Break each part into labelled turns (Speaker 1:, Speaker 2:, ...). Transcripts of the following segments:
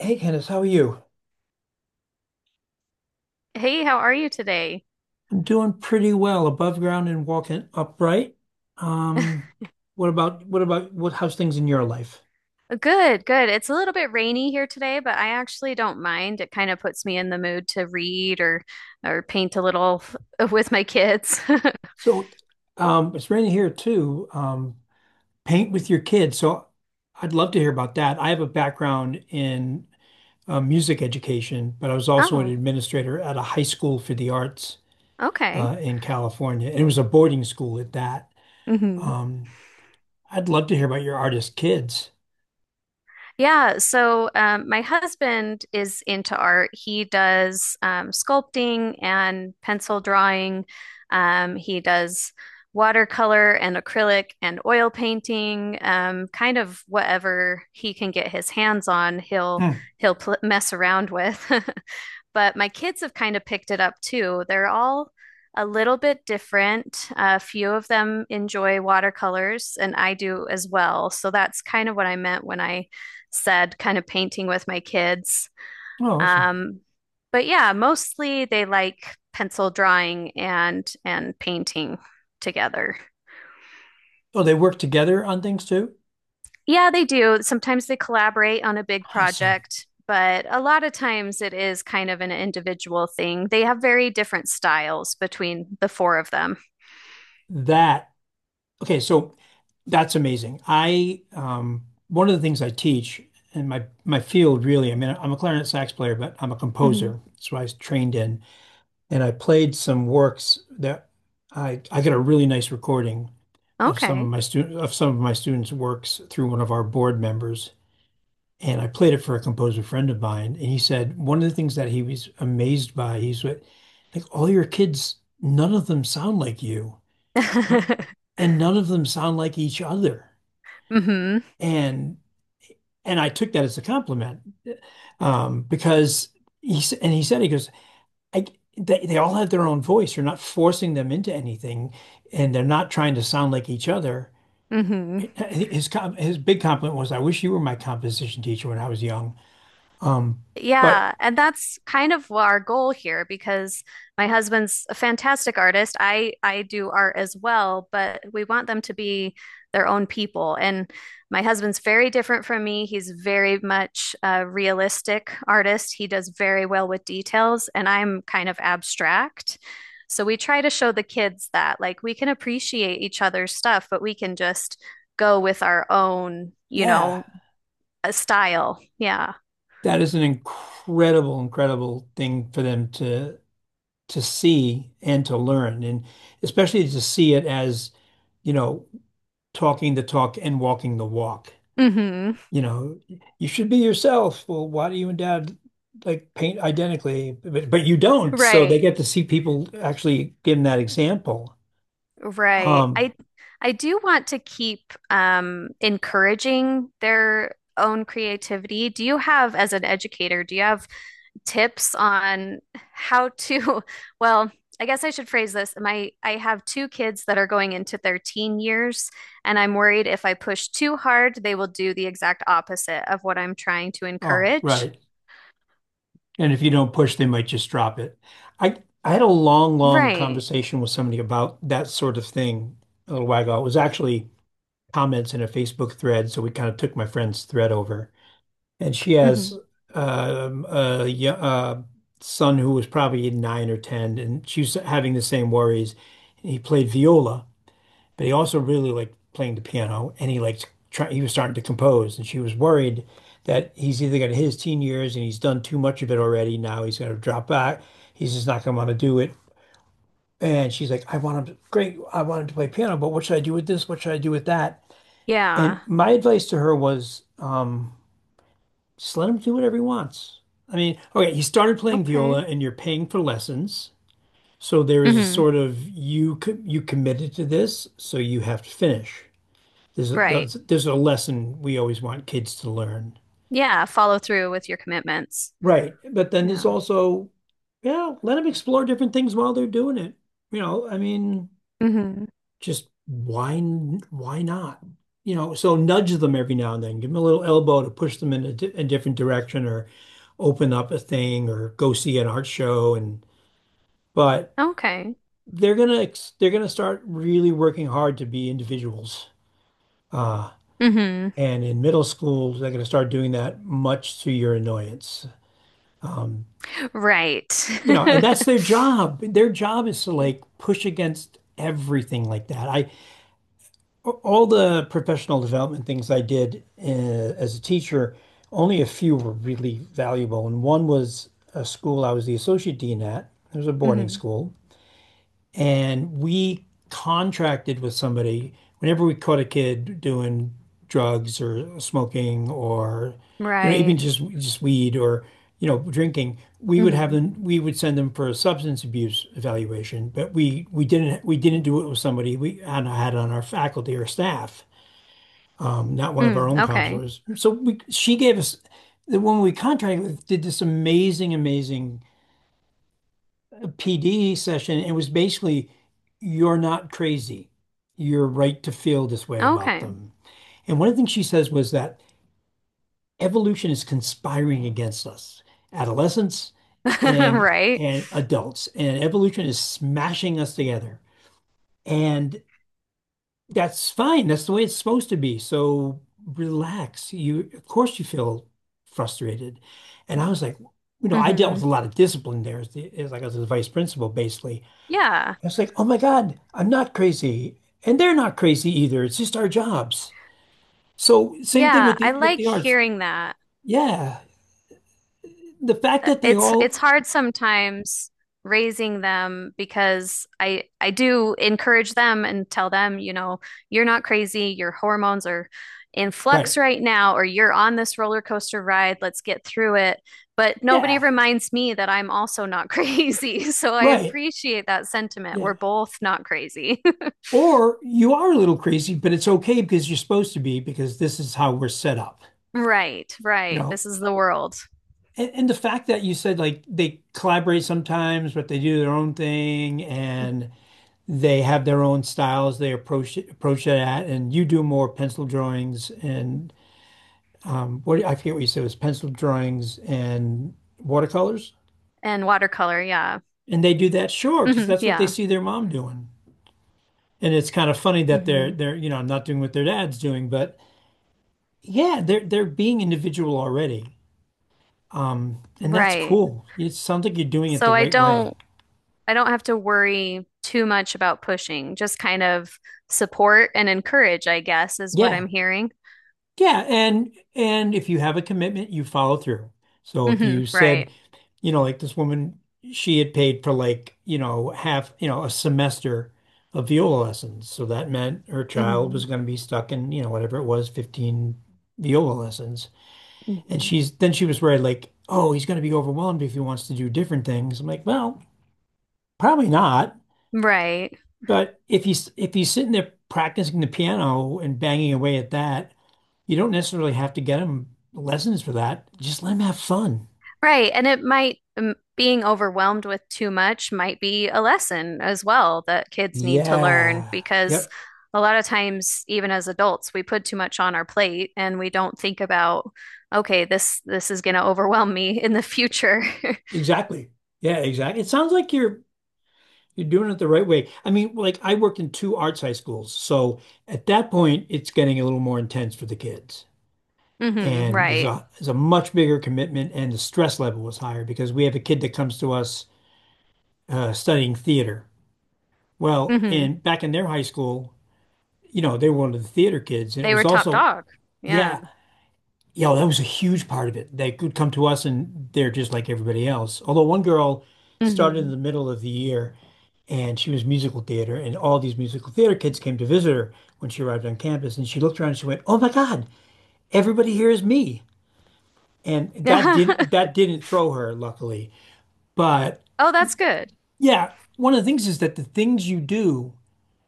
Speaker 1: Hey Candace, how are you?
Speaker 2: Hey, how are you today?
Speaker 1: I'm doing pretty well above ground and walking upright. Um, what how's things in your life?
Speaker 2: Good, good. It's a little bit rainy here today, but I actually don't mind. It kind of puts me in the mood to read or paint a little with my kids.
Speaker 1: So, it's raining here too. Paint with your kids. I'd love to hear about that. I have a background in music education, but I was also an
Speaker 2: Oh,
Speaker 1: administrator at a high school for the arts
Speaker 2: okay.
Speaker 1: in California, and it was a boarding school at that.
Speaker 2: Mhm.
Speaker 1: Um, I'd love to hear about your artist kids.
Speaker 2: Yeah, so my husband is into art. He does sculpting and pencil drawing. He does watercolor and acrylic and oil painting, kind of whatever he can get his hands on, he'll
Speaker 1: Hmm.
Speaker 2: he'll pl mess around with. But my kids have kind of picked it up too. They're all a little bit different. A few of them enjoy watercolors, and I do as well. So that's kind of what I meant when I said, kind of painting with my kids.
Speaker 1: Oh, awesome.
Speaker 2: Um, but yeah, mostly they like pencil drawing and painting together.
Speaker 1: Oh, they work together on things too?
Speaker 2: Yeah, they do. Sometimes they collaborate on a big
Speaker 1: Awesome.
Speaker 2: project, but a lot of times it is kind of an individual thing. They have very different styles between the four of them.
Speaker 1: That, okay, so that's amazing. I, one of the things I teach in my field really, I mean, I'm a clarinet sax player, but I'm a
Speaker 2: Hmm.
Speaker 1: composer. That's what I was trained in. And I played some works that I got a really nice recording of some of
Speaker 2: Okay.
Speaker 1: my students' works through one of our board members. And I played it for a composer friend of mine, and he said one of the things that he was amazed by, he's like, all your kids, none of them sound like you, and none of them sound like each other.
Speaker 2: Hmm.
Speaker 1: And and I took that as a compliment because and he said, he goes, I, they all have their own voice. You're not forcing them into anything, and they're not trying to sound like each other.
Speaker 2: Hmm.
Speaker 1: His his big compliment was, "I wish you were my composition teacher when I was young." Um, but
Speaker 2: Yeah, and that's kind of our goal here because my husband's a fantastic artist. I do art as well, but we want them to be their own people. And my husband's very different from me. He's very much a realistic artist. He does very well with details, and I'm kind of abstract. So we try to show the kids that like we can appreciate each other's stuff, but we can just go with our own, you
Speaker 1: yeah,
Speaker 2: know, style. Yeah.
Speaker 1: that is an incredible, incredible thing for them to see and to learn, and especially to see it as, you know, talking the talk and walking the walk.
Speaker 2: Hmm.
Speaker 1: You know, you should be yourself. Well, why do you and dad like paint identically? But you don't. So they
Speaker 2: Right.
Speaker 1: get to see people actually give them that example.
Speaker 2: Right.
Speaker 1: Um,
Speaker 2: I do want to keep encouraging their own creativity. Do you have, as an educator, do you have tips on how to, well, I guess I should phrase this. My I have two kids that are going into their teen years, and I'm worried if I push too hard, they will do the exact opposite of what I'm trying to
Speaker 1: oh,
Speaker 2: encourage.
Speaker 1: right. And if you don't push, they might just drop it. I I had a long, long
Speaker 2: Right.
Speaker 1: conversation with somebody about that sort of thing a little while ago. It was actually comments in a Facebook thread, so we kind of took my friend's thread over. And she
Speaker 2: Hmm.
Speaker 1: has um, a, yo- uh son who was probably nine or ten, and she was having the same worries. He played viola, but he also really liked playing the piano, and he liked he was starting to compose, and she was worried that he's either got his teen years and he's done too much of it already. Now he's going to drop back. He's just not going to want to do it. And she's like, I want him to, great, I want him to play piano, but what should I do with this? What should I do with that?
Speaker 2: Yeah.
Speaker 1: And my advice to her was, just let him do whatever he wants. I mean, okay, he started playing
Speaker 2: Okay.
Speaker 1: viola and you're paying for lessons. So there is a
Speaker 2: Hmm.
Speaker 1: sort of you you committed to this, so you have to finish. There's a,
Speaker 2: Right.
Speaker 1: there's there's a lesson we always want kids to learn.
Speaker 2: Yeah. Follow through with your commitments.
Speaker 1: Right. But then there's
Speaker 2: Yeah.
Speaker 1: also, yeah, let them explore different things while they're doing it. You know, I mean,
Speaker 2: Hmm.
Speaker 1: just why not? You know, so nudge them every now and then, give them a little elbow to push them in a different direction or open up a thing or go see an art show and but
Speaker 2: Okay.
Speaker 1: they're they're gonna start really working hard to be individuals. Uh,
Speaker 2: Hmm.
Speaker 1: and in middle school, they're gonna start doing that much to your annoyance. Um,
Speaker 2: Right.
Speaker 1: you know, and that's their job. Their job is to like push against everything like that. I All the professional development things I did as a teacher, only a few were really valuable, and one was a school I was the associate dean at. It was a boarding
Speaker 2: Hmm.
Speaker 1: school, and we contracted with somebody whenever we caught a kid doing drugs or smoking or, you know, even
Speaker 2: Right.
Speaker 1: just weed or, you know, drinking, we would have
Speaker 2: Hmm.
Speaker 1: them, we would send them for a substance abuse evaluation. But we didn't do it with somebody we had had on our faculty or staff, not one of our
Speaker 2: Mm,
Speaker 1: own
Speaker 2: okay.
Speaker 1: counselors. She gave us, the woman we contracted with did this amazing, amazing PD session, and it was basically, you're not crazy. You're right to feel this way about
Speaker 2: Okay.
Speaker 1: them. And one of the things she says was that evolution is conspiring against us, adolescents and
Speaker 2: Right.
Speaker 1: and adults, and evolution is smashing us together. And that's fine. That's the way it's supposed to be. So relax. You, of course, you feel frustrated. And I was like, you know, I dealt with
Speaker 2: Hmm.
Speaker 1: a lot of discipline there as like as a vice principal, basically.
Speaker 2: Yeah.
Speaker 1: It's like, oh my God, I'm not crazy. And they're not crazy either. It's just our jobs. So same thing
Speaker 2: Yeah.
Speaker 1: with
Speaker 2: I
Speaker 1: the with
Speaker 2: like
Speaker 1: the arts.
Speaker 2: hearing that.
Speaker 1: Yeah. The fact that they
Speaker 2: It's
Speaker 1: all
Speaker 2: hard sometimes raising them because I do encourage them and tell them, you know, you're not crazy, your hormones are in flux
Speaker 1: right.
Speaker 2: right now, or you're on this roller coaster ride, let's get through it. But nobody
Speaker 1: Yeah.
Speaker 2: reminds me that I'm also not crazy. So I
Speaker 1: Right.
Speaker 2: appreciate that sentiment.
Speaker 1: Yeah.
Speaker 2: We're both not crazy.
Speaker 1: Or you are a little crazy, but it's okay because you're supposed to be, because this is how we're set up,
Speaker 2: Right,
Speaker 1: you
Speaker 2: right.
Speaker 1: know.
Speaker 2: This is the world.
Speaker 1: And the fact that you said like they collaborate sometimes, but they do their own thing and they have their own styles they approach it at, and you do more pencil drawings and what, I forget what you said, it was pencil drawings and watercolors,
Speaker 2: And watercolor, yeah.
Speaker 1: and they do that, sure, because
Speaker 2: Hmm,
Speaker 1: that's what they
Speaker 2: yeah.
Speaker 1: see their mom doing. And it's kind of funny that they're
Speaker 2: Hmm.
Speaker 1: they're you know not doing what their dad's doing, but yeah, they're being individual already, and that's
Speaker 2: Right.
Speaker 1: cool. It sounds like you're doing it the
Speaker 2: So I
Speaker 1: right
Speaker 2: don't
Speaker 1: way.
Speaker 2: I don't have to worry too much about pushing, just kind of support and encourage, I guess, is what
Speaker 1: Yeah,
Speaker 2: I'm hearing.
Speaker 1: yeah, and if you have a commitment, you follow through. So if
Speaker 2: Hmm,
Speaker 1: you said,
Speaker 2: right.
Speaker 1: you know, like this woman, she had paid for like, you know, half, you know, a semester of viola lessons. So that meant her child
Speaker 2: Hmm.
Speaker 1: was going to be stuck in, you know, whatever it was, 15 viola lessons. And
Speaker 2: Hmm.
Speaker 1: she's, then she was worried, like, oh, he's going to be overwhelmed if he wants to do different things. I'm like, well, probably not.
Speaker 2: Right.
Speaker 1: But if he's sitting there practicing the piano and banging away at that, you don't necessarily have to get him lessons for that. Just let him have fun.
Speaker 2: Right. And it might, being overwhelmed with too much might be a lesson as well that kids need to learn
Speaker 1: Yeah.
Speaker 2: because
Speaker 1: Yep.
Speaker 2: a lot of times, even as adults, we put too much on our plate and we don't think about, okay, this is going to overwhelm me in the future.
Speaker 1: Exactly. Yeah, exactly. It sounds like you're doing it the right way. I mean, like I worked in two arts high schools, so at that point it's getting a little more intense for the kids.
Speaker 2: Hmm,
Speaker 1: And there's
Speaker 2: right.
Speaker 1: a there's a much bigger commitment and the stress level was higher because we have a kid that comes to us studying theater. Well,
Speaker 2: Hmm.
Speaker 1: in back in their high school, you know, they were one of the theater kids and it
Speaker 2: They
Speaker 1: was
Speaker 2: were top
Speaker 1: also,
Speaker 2: dog. Yeah.
Speaker 1: yeah, you know, that was a huge part of it. They could come to us and they're just like everybody else. Although one girl started in
Speaker 2: Hmm.
Speaker 1: the middle of the year and she was musical theater, and all these musical theater kids came to visit her when she arrived on campus, and she looked around and she went, "Oh my God, everybody here is me." And that
Speaker 2: Yeah.
Speaker 1: didn't that didn't throw her, luckily. But
Speaker 2: Oh, that's good.
Speaker 1: yeah, one of the things is that the things you do,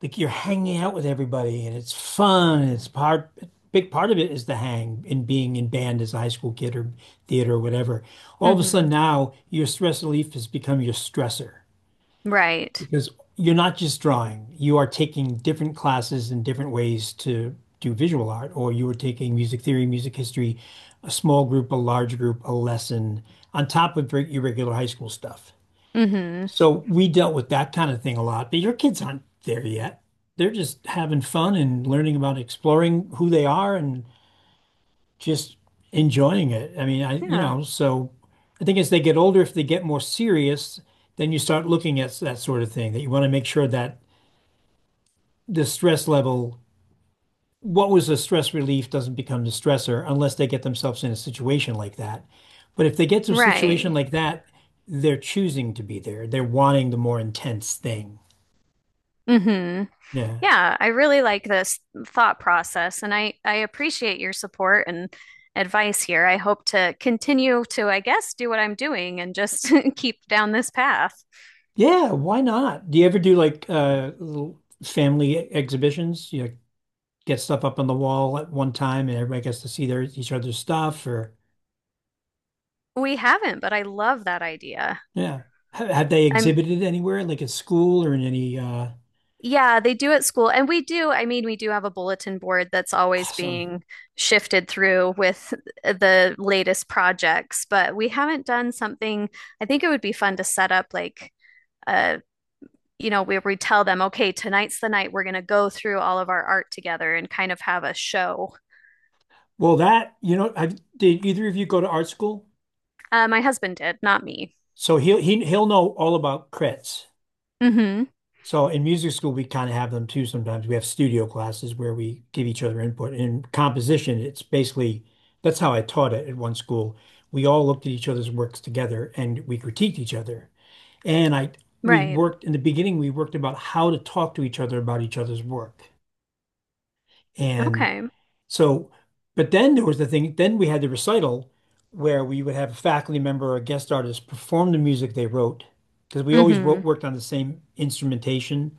Speaker 1: like you're hanging out with everybody, and it's fun, and it's part big part of it is the hang and being in band as a high school kid or theater or whatever. All of a
Speaker 2: Hmm.
Speaker 1: sudden now your stress relief has become your stressor.
Speaker 2: Right.
Speaker 1: Because you're not just drawing, you are taking different classes and different ways to do visual art, or you are taking music theory, music history, a small group, a large group, a lesson, on top of your regular high school stuff.
Speaker 2: Hmm.
Speaker 1: So we dealt with that kind of thing a lot, but your kids aren't there yet. They're just having fun and learning about exploring who they are and just enjoying it. I mean, you
Speaker 2: Yeah.
Speaker 1: know, so I think as they get older, if they get more serious, then you start looking at that sort of thing that you want to make sure that the stress level, what was a stress relief doesn't become the stressor unless they get themselves in a situation like that. But if they get to a situation
Speaker 2: Right.
Speaker 1: like that, they're choosing to be there. They're wanting the more intense thing.
Speaker 2: Hmm.
Speaker 1: Yeah.
Speaker 2: Yeah, I really like this thought process and I appreciate your support and advice here. I hope to continue to, I guess, do what I'm doing and just keep down this path.
Speaker 1: Yeah, why not? Do you ever do like little family exhibitions? You know, get stuff up on the wall at one time and everybody gets to see their each other's stuff or
Speaker 2: We haven't, but I love that idea.
Speaker 1: yeah. Have they
Speaker 2: I'm
Speaker 1: exhibited anywhere, like at school or in any
Speaker 2: Yeah, they do at school. And we do, I mean, we do have a bulletin board that's always
Speaker 1: awesome.
Speaker 2: being shifted through with the latest projects, but we haven't done something. I think it would be fun to set up like uh, you know, where we tell them, okay, tonight's the night we're going to go through all of our art together and kind of have a show.
Speaker 1: Well, that, you know, I, Did either of you go to art school?
Speaker 2: My husband did, not me.
Speaker 1: So he'll know all about crits.
Speaker 2: Mm-hmm.
Speaker 1: So in music school, we kind of have them too sometimes. We have studio classes where we give each other input. In composition, it's basically that's how I taught it at one school. We all looked at each other's works together and we critiqued each other. And I we
Speaker 2: Right.
Speaker 1: worked in the beginning, we worked about how to talk to each other about each other's work. And
Speaker 2: Okay.
Speaker 1: so, but then there was the thing, then we had the recital where we would have a faculty member or a guest artist perform the music they wrote because we always
Speaker 2: Mm-hmm.
Speaker 1: worked on the same instrumentation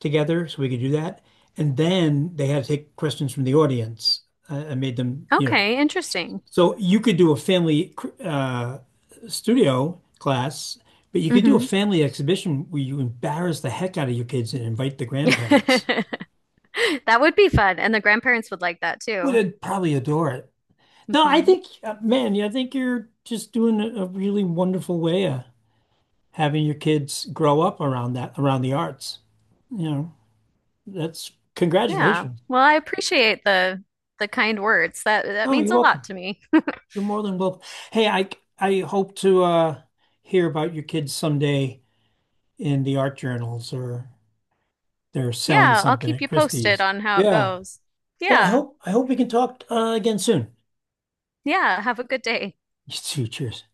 Speaker 1: together, so we could do that. And then they had to take questions from the audience. I made them, you know,
Speaker 2: Okay, interesting.
Speaker 1: so you could do a family uh, studio class, but you could do a
Speaker 2: Mm-hmm.
Speaker 1: family exhibition where you embarrass the heck out of your kids and invite the grandparents.
Speaker 2: That would be fun. And the grandparents would like that too.
Speaker 1: Would probably adore it. No, I
Speaker 2: Hmm.
Speaker 1: think, man, yeah, I think you're just doing a really wonderful way of having your kids grow up around that, around the arts. You know, that's,
Speaker 2: Yeah.
Speaker 1: congratulations.
Speaker 2: Well, I appreciate the kind words. That
Speaker 1: No,
Speaker 2: means
Speaker 1: you're
Speaker 2: a
Speaker 1: welcome.
Speaker 2: lot to me.
Speaker 1: You're more than welcome. Hey, I hope to hear about your kids someday in the art journals or they're selling
Speaker 2: Yeah, I'll
Speaker 1: something
Speaker 2: keep
Speaker 1: at
Speaker 2: you posted
Speaker 1: Christie's.
Speaker 2: on how it
Speaker 1: Yeah.
Speaker 2: goes.
Speaker 1: Well,
Speaker 2: Yeah.
Speaker 1: I hope we can talk again soon.
Speaker 2: Yeah, have a good day.
Speaker 1: You too. Cheers.